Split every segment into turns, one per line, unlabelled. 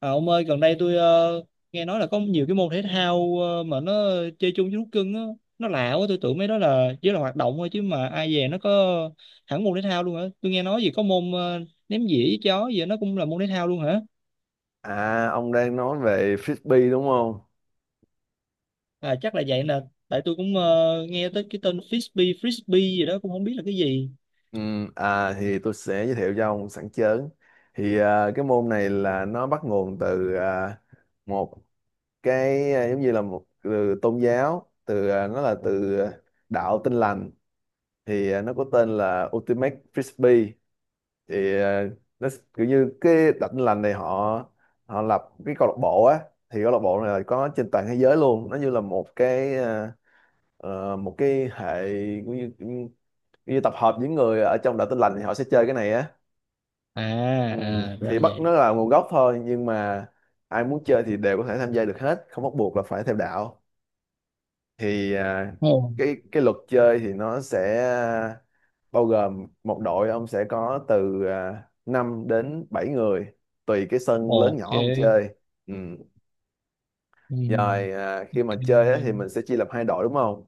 À, ông ơi, gần đây tôi nghe nói là có nhiều cái môn thể thao mà nó chơi chung với thú cưng á, nó lạ quá, tôi tưởng mấy đó là chỉ là hoạt động thôi chứ mà ai về nó có hẳn môn thể thao luôn hả? Tôi nghe nói gì có môn ném dĩa với chó gì đó, nó cũng là môn thể thao luôn hả?
À, ông đang nói về frisbee đúng không?
À chắc là vậy nè, tại tôi cũng nghe tới cái tên frisbee, frisbee gì đó cũng không biết là cái gì.
Ừ, thì tôi sẽ giới thiệu cho ông sẵn chớn. Cái môn này là nó bắt nguồn từ một cái giống như là một từ tôn giáo, nó là đạo Tin lành. Nó có tên là Ultimate Frisbee. Thì à, nó s- kiểu như cái đạo Tin lành này họ họ lập cái câu lạc bộ á. Thì câu lạc bộ này là có trên toàn thế giới luôn. Nó như là một một cái hệ như tập hợp những người ở trong đạo tin lành thì họ sẽ chơi cái này á.
À,
Ừ,
à, ra là
thì bắt nó
vậy.
là nguồn gốc thôi, nhưng mà ai muốn chơi thì đều có thể tham gia được hết, không bắt buộc là phải theo đạo. thì à,
Ồ,
cái cái luật chơi thì nó sẽ bao gồm một đội, ông sẽ có từ 5 đến 7 người, tùy cái sân lớn nhỏ ông
ok.
chơi. Ừ,
Ừ,
rồi khi mà
ok.
chơi á, thì mình sẽ chia làm hai đội đúng không,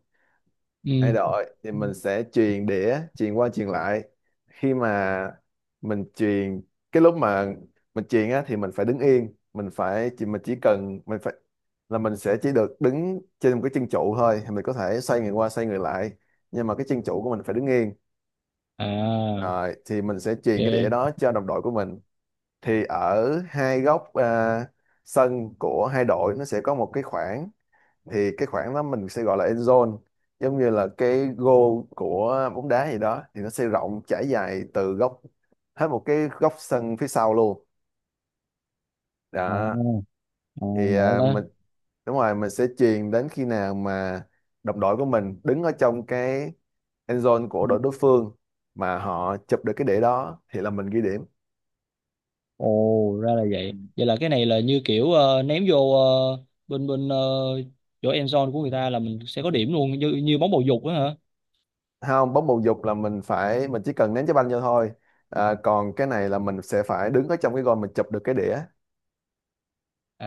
thay
Ừ.
đổi thì mình sẽ truyền đĩa, truyền qua truyền lại. Khi mà mình truyền, cái lúc mà mình truyền á thì mình phải đứng yên, mình phải chỉ, mình chỉ cần, mình phải là mình sẽ chỉ được đứng trên một cái chân trụ thôi, thì mình có thể xoay người qua xoay người lại, nhưng mà cái chân trụ của mình phải đứng yên.
À,
Rồi thì mình sẽ truyền cái đĩa
ok.
đó cho đồng đội của mình. Thì ở hai góc sân của hai đội, nó sẽ có một cái khoảng, thì cái khoảng đó mình sẽ gọi là end zone, giống như là cái goal của bóng đá gì đó, thì nó sẽ rộng trải dài từ góc, hết một cái góc sân phía sau luôn.
À,
Đó,
à,
thì
ngộ
à,
đó.
mình đúng rồi, mình sẽ chuyền đến khi nào mà đồng đội của mình đứng ở trong cái end zone của đội đối phương, mà họ chụp được cái đĩa đó thì là mình ghi điểm.
Ồ, ra là
Ừ,
vậy. Vậy là cái này là như kiểu ném vô bên bên chỗ end zone của người ta là mình sẽ có điểm luôn như như bóng bầu dục á hả?
không, bóng bầu dục là mình phải, mình chỉ cần ném trái banh vô thôi, còn cái này là mình sẽ phải đứng ở trong cái gôn, mình chụp được cái đĩa.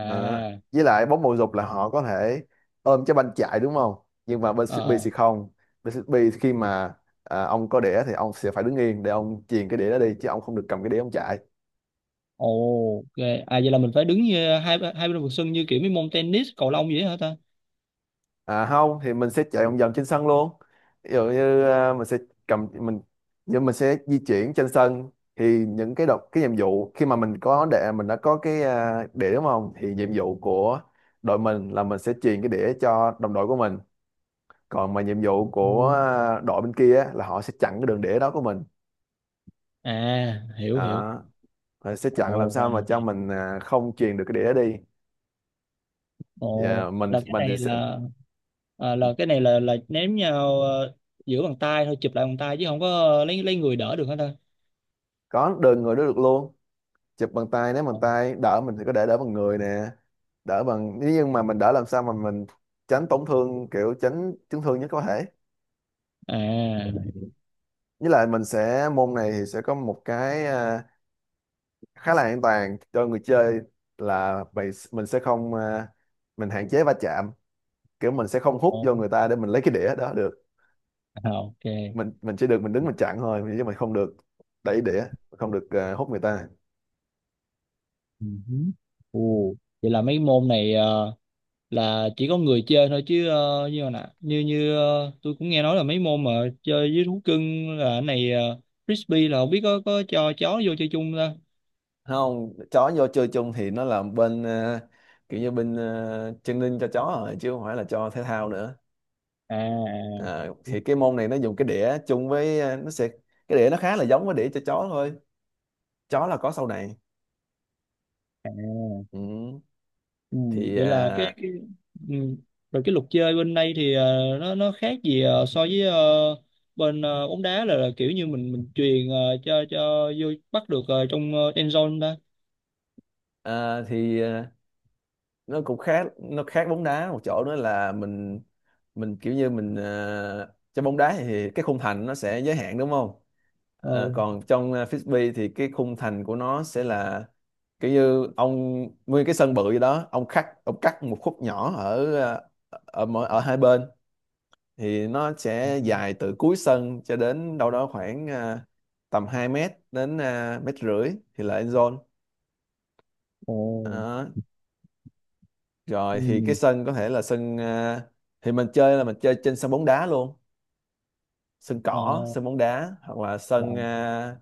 Đó. Với lại bóng bầu dục là họ có thể ôm trái banh chạy đúng không? Nhưng mà bên Frisbee
ờ.
thì không. Bên Frisbee thì khi mà ông có đĩa thì ông sẽ phải đứng yên để ông chuyền cái đĩa đó đi, chứ ông không được cầm cái đĩa ông chạy.
Ồ, ok. À vậy là mình phải đứng như hai hai bên vòng sân như kiểu mấy môn tennis, cầu lông vậy hả ta?
À không, thì mình sẽ chạy vòng vòng trên sân luôn. Ví dụ như mình sẽ cầm mình, nhưng mình sẽ di chuyển trên sân, thì những cái đọc cái nhiệm vụ khi mà mình có đĩa, mình đã có cái đĩa đúng không? Thì nhiệm vụ của đội mình là mình sẽ truyền cái đĩa cho đồng đội của mình, còn mà nhiệm vụ của
Ừ.
đội bên kia á, là họ sẽ chặn cái đường đĩa đó của mình.
À, hiểu hiểu.
Đó, họ sẽ chặn làm
Ồ, ra
sao mà
là
cho
vậy.
mình không truyền được cái đĩa đi. Dạ,
Ồ,
mình
là cái
mình thì
này
sẽ
là à, là cái này là ném nhau giữa bàn tay thôi, chụp lại bàn tay chứ không có lấy người đỡ được hết ta?
có đơn người đó được luôn, chụp bằng tay, nếu bằng
Ồ.
tay đỡ mình thì có thể đỡ bằng người nè, đỡ bằng nhưng mà mình đỡ làm sao mà mình tránh tổn thương, kiểu tránh chấn thương nhất có thể.
À,
Với lại mình sẽ, môn này thì sẽ có một cái khá là an toàn cho người chơi, là mình sẽ không mình hạn chế va chạm, kiểu mình sẽ không hút vô
ồ,
người ta để mình lấy cái đĩa đó được.
à, ok.
mình
uh
mình chỉ được mình đứng mình chặn thôi, chứ mình không được đẩy đĩa, không được hút người ta.
Ồ, vậy là mấy môn này là chỉ có người chơi thôi chứ như nè như như tôi cũng nghe nói là mấy môn mà chơi với thú cưng là cái này frisbee là không biết có cho chó vô chơi chung không ta
Không, chó vô chơi chung thì nó là bên kiểu như bên training cho chó rồi, chứ không phải là cho thể thao nữa.
à
Ờ, thì cái môn này nó dùng cái đĩa chung với nó sẽ, cái đĩa nó khá là giống với đĩa cho chó thôi, chó là có sau này.
à
Ừ,
ừ,
thì
vậy là cái ừ. Rồi cái luật chơi bên đây thì nó khác gì so với bên bóng đá là kiểu như mình chuyền cho vô bắt được trong end zone ta
uh, nó cũng khác, nó khác bóng đá một chỗ nữa là mình kiểu như mình trong bóng đá thì cái khung thành nó sẽ giới hạn đúng không.
ờ
Ờ, còn trong frisbee thì cái khung thành của nó sẽ là kiểu như ông nguyên cái sân bự gì đó, ông cắt, ông cắt một khúc nhỏ ở ở mỗi, ở hai bên, thì nó sẽ dài từ cuối sân cho đến đâu đó khoảng tầm 2 mét đến mét rưỡi, thì là end
ồ
zone. Rồi thì cái
ừ.
sân có thể là sân thì mình chơi là mình chơi trên sân bóng đá luôn, sân
Ờ,
cỏ, sân bóng đá, hoặc là sân
vâng
ờ,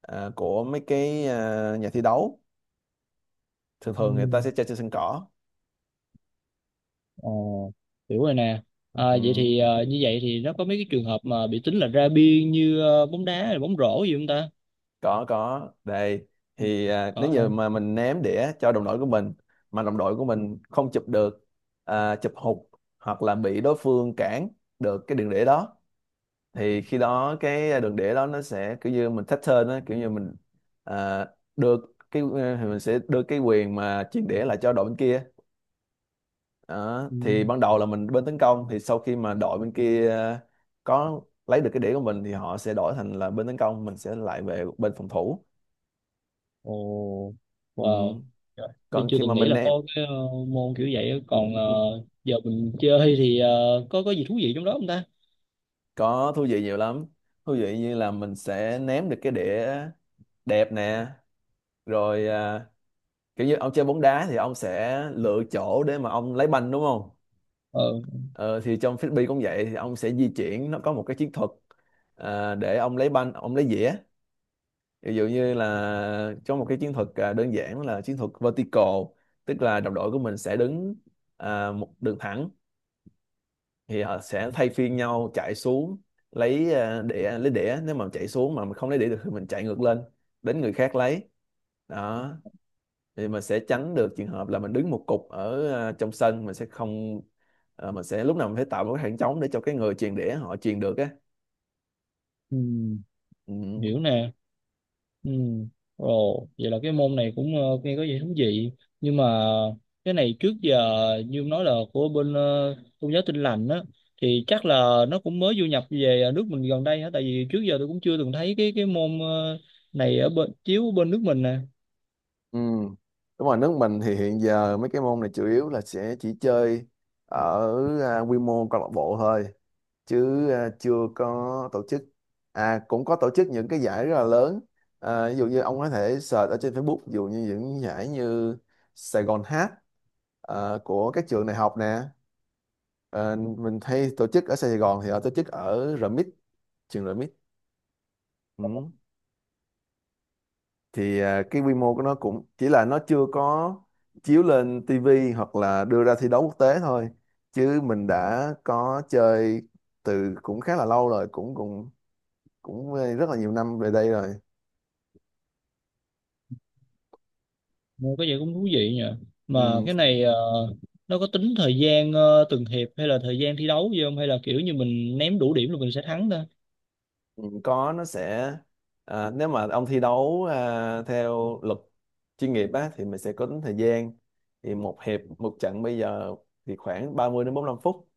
ờ, của mấy cái nhà thi đấu. Thường thường người ta sẽ
Ừm,
chơi trên sân cỏ.
ờ, hiểu rồi nè. À,
Ừ,
vậy thì như vậy thì nó có mấy cái trường hợp mà bị tính là ra biên như bóng đá hay bóng rổ gì không ta?
có đây.
Ừ.
Thì
Có
nếu như
hả?
mà mình ném đĩa cho đồng đội của mình, mà đồng đội của mình không chụp được, chụp hụt, hoặc là bị đối phương cản được cái đường đĩa đó, thì khi đó cái đường đĩa đó nó sẽ kiểu như mình pattern á, kiểu như mình à, đưa cái thì mình sẽ đưa cái quyền mà chuyển đĩa lại cho đội bên kia. Đó,
Ừ.
thì ban đầu là mình bên tấn công, thì sau khi mà đội bên kia có lấy được cái đĩa của mình thì họ sẽ đổi thành là bên tấn công, mình sẽ lại về bên phòng thủ.
Ồ, wow.
Ừ,
Trời, tôi
còn
chưa
khi mà
từng nghĩ
mình
là
ném
có cái môn kiểu vậy á. Còn giờ mình chơi thì có gì thú vị trong đó không ta?
có thú vị nhiều lắm, thú vị như là mình sẽ ném được cái đĩa đẹp nè, rồi kiểu như ông chơi bóng đá thì ông sẽ lựa chỗ để mà ông lấy banh đúng không.
Ờ,
Ờ, thì trong frisbee cũng vậy, thì ông sẽ di chuyển, nó có một cái chiến thuật để ông lấy banh, ông lấy dĩa. Ví dụ như là trong một cái chiến thuật đơn giản là chiến thuật vertical, tức là đồng đội của mình sẽ đứng một đường thẳng, thì họ sẽ thay phiên nhau chạy xuống lấy đĩa, lấy đĩa, nếu mà chạy xuống mà mình không lấy đĩa được thì mình chạy ngược lên, đến người khác lấy. Đó, thì mình sẽ tránh được trường hợp là mình đứng một cục ở trong sân, mình sẽ không mình sẽ lúc nào mình phải tạo một cái khoảng trống để cho cái người truyền đĩa họ truyền được á.
ừm,
Ừ.
hiểu nè. Ừ. Ồ, vậy là cái môn này cũng nghe có vẻ thú vị nhưng mà cái này trước giờ như ông nói là của bên tôn giáo Tin Lành á thì chắc là nó cũng mới du nhập về nước mình gần đây hả tại vì trước giờ tôi cũng chưa từng thấy cái môn này ở bên chiếu ở bên nước mình nè.
Ừ. Đúng rồi, nước mình thì hiện giờ mấy cái môn này chủ yếu là sẽ chỉ chơi ở quy mô câu lạc bộ thôi. Chứ chưa có tổ chức, à cũng có tổ chức những cái giải rất là lớn. Ví dụ như ông có thể search ở trên Facebook, ví dụ như những giải như Sài Gòn Hát của các trường đại học nè. Ờ, mình hay tổ chức ở Sài Gòn thì họ tổ chức ở RMIT, trường RMIT. Ừ, cái quy mô của nó cũng chỉ là, nó chưa có chiếu lên TV hoặc là đưa ra thi đấu quốc tế thôi, chứ mình đã có chơi từ cũng khá là lâu rồi, cũng cũng cũng rất là nhiều năm về đây rồi.
Nghe có vẻ cũng thú vị nhỉ mà
Ừm,
cái này nó có tính thời gian từng hiệp hay là thời gian thi đấu gì không hay là kiểu như mình ném đủ điểm là mình sẽ thắng ta.
có, nó sẽ nếu mà ông thi đấu theo luật chuyên nghiệp á thì mình sẽ có tính thời gian, thì một hiệp, một trận bây giờ thì khoảng 30 đến 45 phút,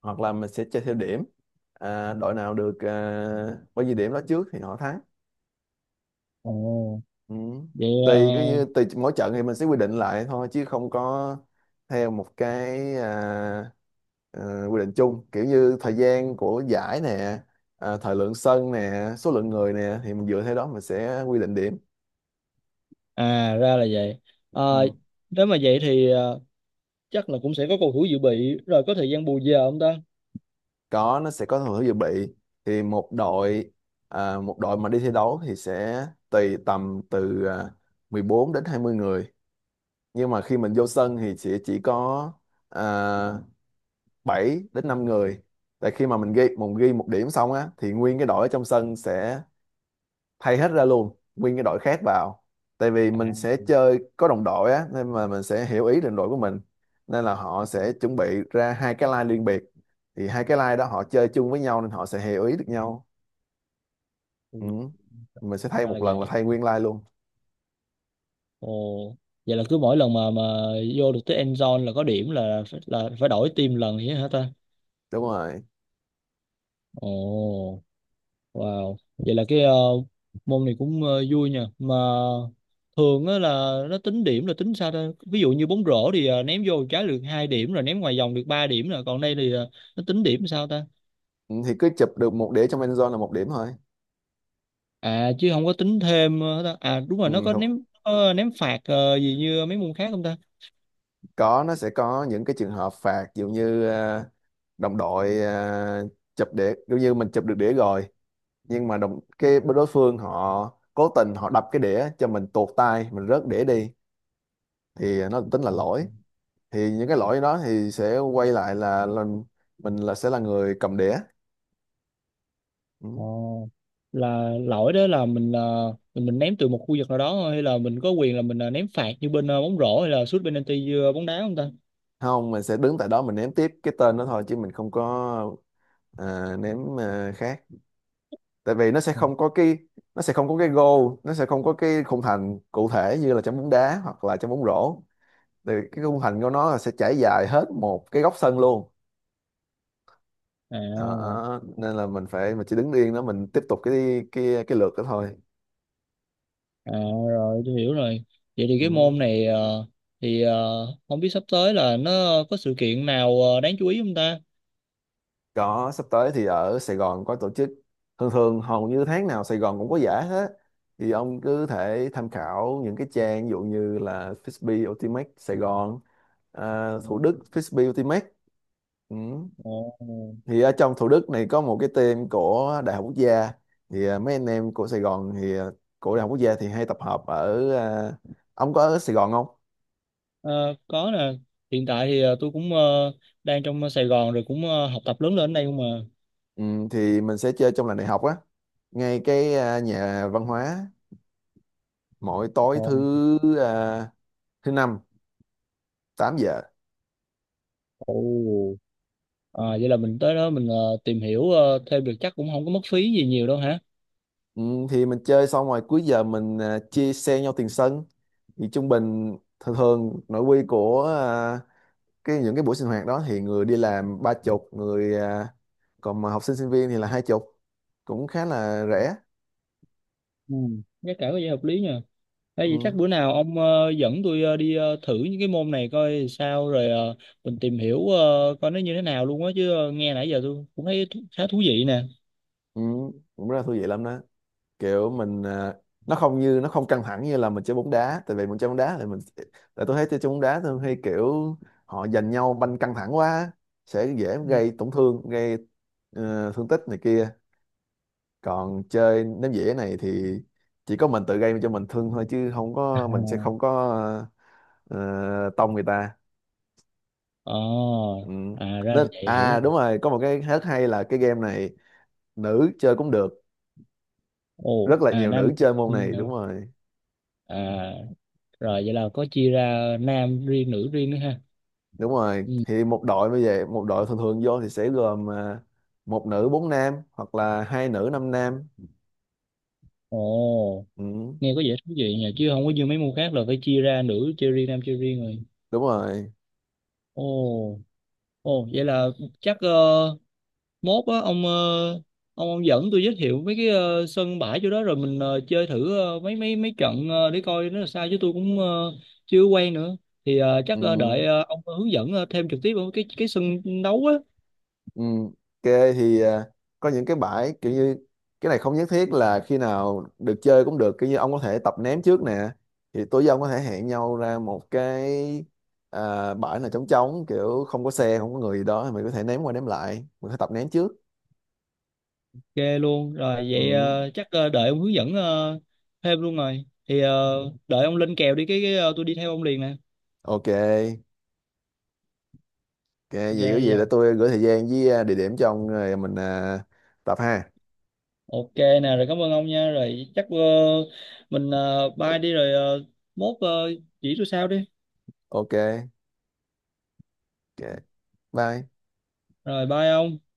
hoặc là mình sẽ chơi theo điểm. Đội nào được bao nhiêu điểm đó trước thì họ thắng.
Ồ,
Ừ.
vậy ờ,
Tùy cái, như tùy mỗi trận thì mình sẽ quy định lại thôi, chứ không có theo một cái quy định chung, kiểu như thời gian của giải nè, thời lượng sân nè, số lượng người nè, thì mình dựa theo đó mình sẽ quy định điểm.
À ra là vậy. Ờ,
Ừ,
nếu mà vậy thì chắc là cũng sẽ có cầu thủ dự bị rồi có thời gian bù giờ không ta?
có, nó sẽ có thường hướng dự bị. Thì một đội, một đội mà đi thi đấu thì sẽ tùy tầm từ 14 đến 20 người, nhưng mà khi mình vô sân thì sẽ chỉ có à, 7 đến 5 người. Tại khi mà mình ghi, mình ghi một điểm xong á thì nguyên cái đội ở trong sân sẽ thay hết ra luôn, nguyên cái đội khác vào, tại vì mình
À,
sẽ chơi có đồng đội á, nên mà mình sẽ hiểu ý đồng đội của mình, nên là họ sẽ chuẩn bị ra hai cái line riêng biệt, thì hai cái line đó họ chơi chung với nhau nên họ sẽ hiểu ý được nhau.
ừ,
Ừ. Mình sẽ thay
ra là
một lần là
vậy.
thay nguyên line luôn.
Ồ, vậy là cứ mỗi lần mà vô được tới end zone là có điểm là phải đổi team lần vậy hả ta?
Đúng rồi.
Ồ, wow. Vậy là cái môn này cũng vui nha. Mà thường á là nó tính điểm là tính sao ta? Ví dụ như bóng rổ thì ném vô một trái được 2 điểm rồi ném ngoài vòng được 3 điểm rồi còn đây thì nó tính điểm sao ta?
Ừ, thì cứ chụp được một đĩa trong end zone là một điểm thôi.
À chứ không có tính thêm hết à đúng
Ừ,
rồi nó
không.
có ném phạt gì như mấy môn khác không ta.
Có, nó sẽ có những cái trường hợp phạt, ví dụ như đồng đội chụp đĩa, ví dụ như mình chụp được đĩa rồi nhưng mà đồng cái bên đối phương họ cố tình họ đập cái đĩa cho mình tuột tay, mình rớt đĩa đi thì nó tính là lỗi. Thì những cái lỗi đó thì sẽ quay lại là mình là sẽ là người cầm đĩa. Ừ.
Ờ, là lỗi đó là mình là mình ném từ một khu vực nào đó thôi hay là mình có quyền là mình ném phạt như bên bóng rổ hay là sút penalty như bóng đá không ta
Không, mình sẽ đứng tại đó mình ném tiếp cái tên đó thôi chứ mình không có ném khác. Tại vì nó sẽ không có cái goal, nó sẽ không có cái khung thành cụ thể như là trong bóng đá hoặc là trong bóng rổ. Thì cái khung thành của nó là sẽ trải dài hết một cái góc sân luôn. Đó,
à
nên là mình phải mình chỉ đứng yên đó mình tiếp tục cái lượt đó thôi.
à rồi tôi hiểu rồi. Vậy thì cái
Ừ.
môn này thì không biết sắp tới là nó có sự kiện nào đáng chú ý không ta.
Có, sắp tới thì ở Sài Gòn có tổ chức. Thường thường hầu như tháng nào Sài Gòn cũng có giải hết. Thì ông cứ thể tham khảo những cái trang, ví dụ như là Frisbee Ultimate Sài Gòn, à, Thủ Đức Frisbee Ultimate. Ừ.
Ồ.
Thì ở trong Thủ Đức này có một cái team của Đại học Quốc gia. Thì à, mấy anh em của Sài Gòn thì à, của Đại học Quốc gia thì hay tập hợp ở à, ông có ở Sài Gòn không?
Ờ, có nè hiện tại thì tôi cũng đang trong Sài Gòn rồi cũng học tập lớn lên ở đây không mà.
Ừ, thì mình sẽ chơi trong làng đại học á, ngay cái à, nhà văn hóa, mỗi tối
Ồ.
thứ năm, 8 giờ.
Ồ. À, vậy là mình tới đó mình tìm hiểu thêm được chắc cũng không có mất phí gì nhiều đâu hả.
Ừ, thì mình chơi xong rồi cuối giờ mình à, chia xe nhau tiền sân. Thì trung bình thường thường nội quy của à, cái những cái buổi sinh hoạt đó thì người đi làm 30, người à, còn mà học sinh sinh viên thì là 20. Cũng khá là rẻ.
Ừ. Giá cả có vẻ hợp lý nha hay vậy chắc
Ừ.
bữa nào ông dẫn tôi đi thử những cái môn này coi sao rồi mình tìm hiểu coi nó như thế nào luôn á chứ nghe nãy giờ tôi cũng thấy thú- khá thú vị nè.
Ừ. Cũng rất là thú vị lắm đó. Kiểu mình à, nó không căng thẳng như là mình chơi bóng đá. Tại vì mình chơi bóng đá thì mình, tại tôi thấy chơi chơi bóng đá thường hay kiểu họ giành nhau banh căng thẳng quá, sẽ dễ gây tổn thương, gây thương tích này kia. Còn chơi ném dĩa này thì chỉ có mình tự gây cho mình thương thôi, chứ không có, mình sẽ
À.
không có ờ, tông người ta.
Ờ,
Ừ.
à ra là
Nên
vậy hiểu
à
rồi.
đúng rồi, có một cái rất hay là cái game này, nữ chơi cũng được,
Ồ,
rất là
à
nhiều
Nam
nữ chơi môn này. Đúng rồi.
à rồi vậy là có chia ra nam riêng nữ riêng nữa ha
Đúng rồi,
ừ.
thì một đội, bây giờ một đội thường thường vô thì sẽ gồm à, một nữ bốn nam hoặc là hai nữ năm nam.
Ồ
Ừ,
nghe có vẻ thú vị nhỉ chứ không có như mấy môn khác là phải chia ra nữ chơi riêng nam chơi riêng rồi
đúng rồi.
ồ ồ vậy là chắc mốt á ông ờ, ông dẫn tôi giới thiệu mấy cái sân bãi chỗ đó rồi mình chơi thử mấy mấy mấy trận để coi nó là sao chứ tôi cũng chưa quen nữa thì chắc
Ừ.
đợi ông hướng dẫn thêm trực tiếp ở cái sân đấu á
Ừ, ok thì à, có những cái bãi kiểu như cái này không nhất thiết là khi nào được chơi cũng được, kiểu như ông có thể tập ném trước nè. Thì tối với ông có thể hẹn nhau ra một cái à, bãi nào trống trống, kiểu không có xe không có người gì đó, thì mình có thể ném qua ném lại, mình có thể tập ném trước.
ghê luôn rồi vậy
Ừ,
chắc đợi ông hướng dẫn thêm luôn rồi thì đợi ông lên kèo đi cái tôi đi theo ông liền nè
ok ok. Vậy có
ghê
gì
giờ
để tôi gửi thời gian với à, địa điểm cho ông rồi mình à, tập ha.
ok nè rồi cảm ơn ông nha rồi chắc mình bye đi rồi mốt chỉ tôi sao đi
Ok ok bye.
rồi bye ông.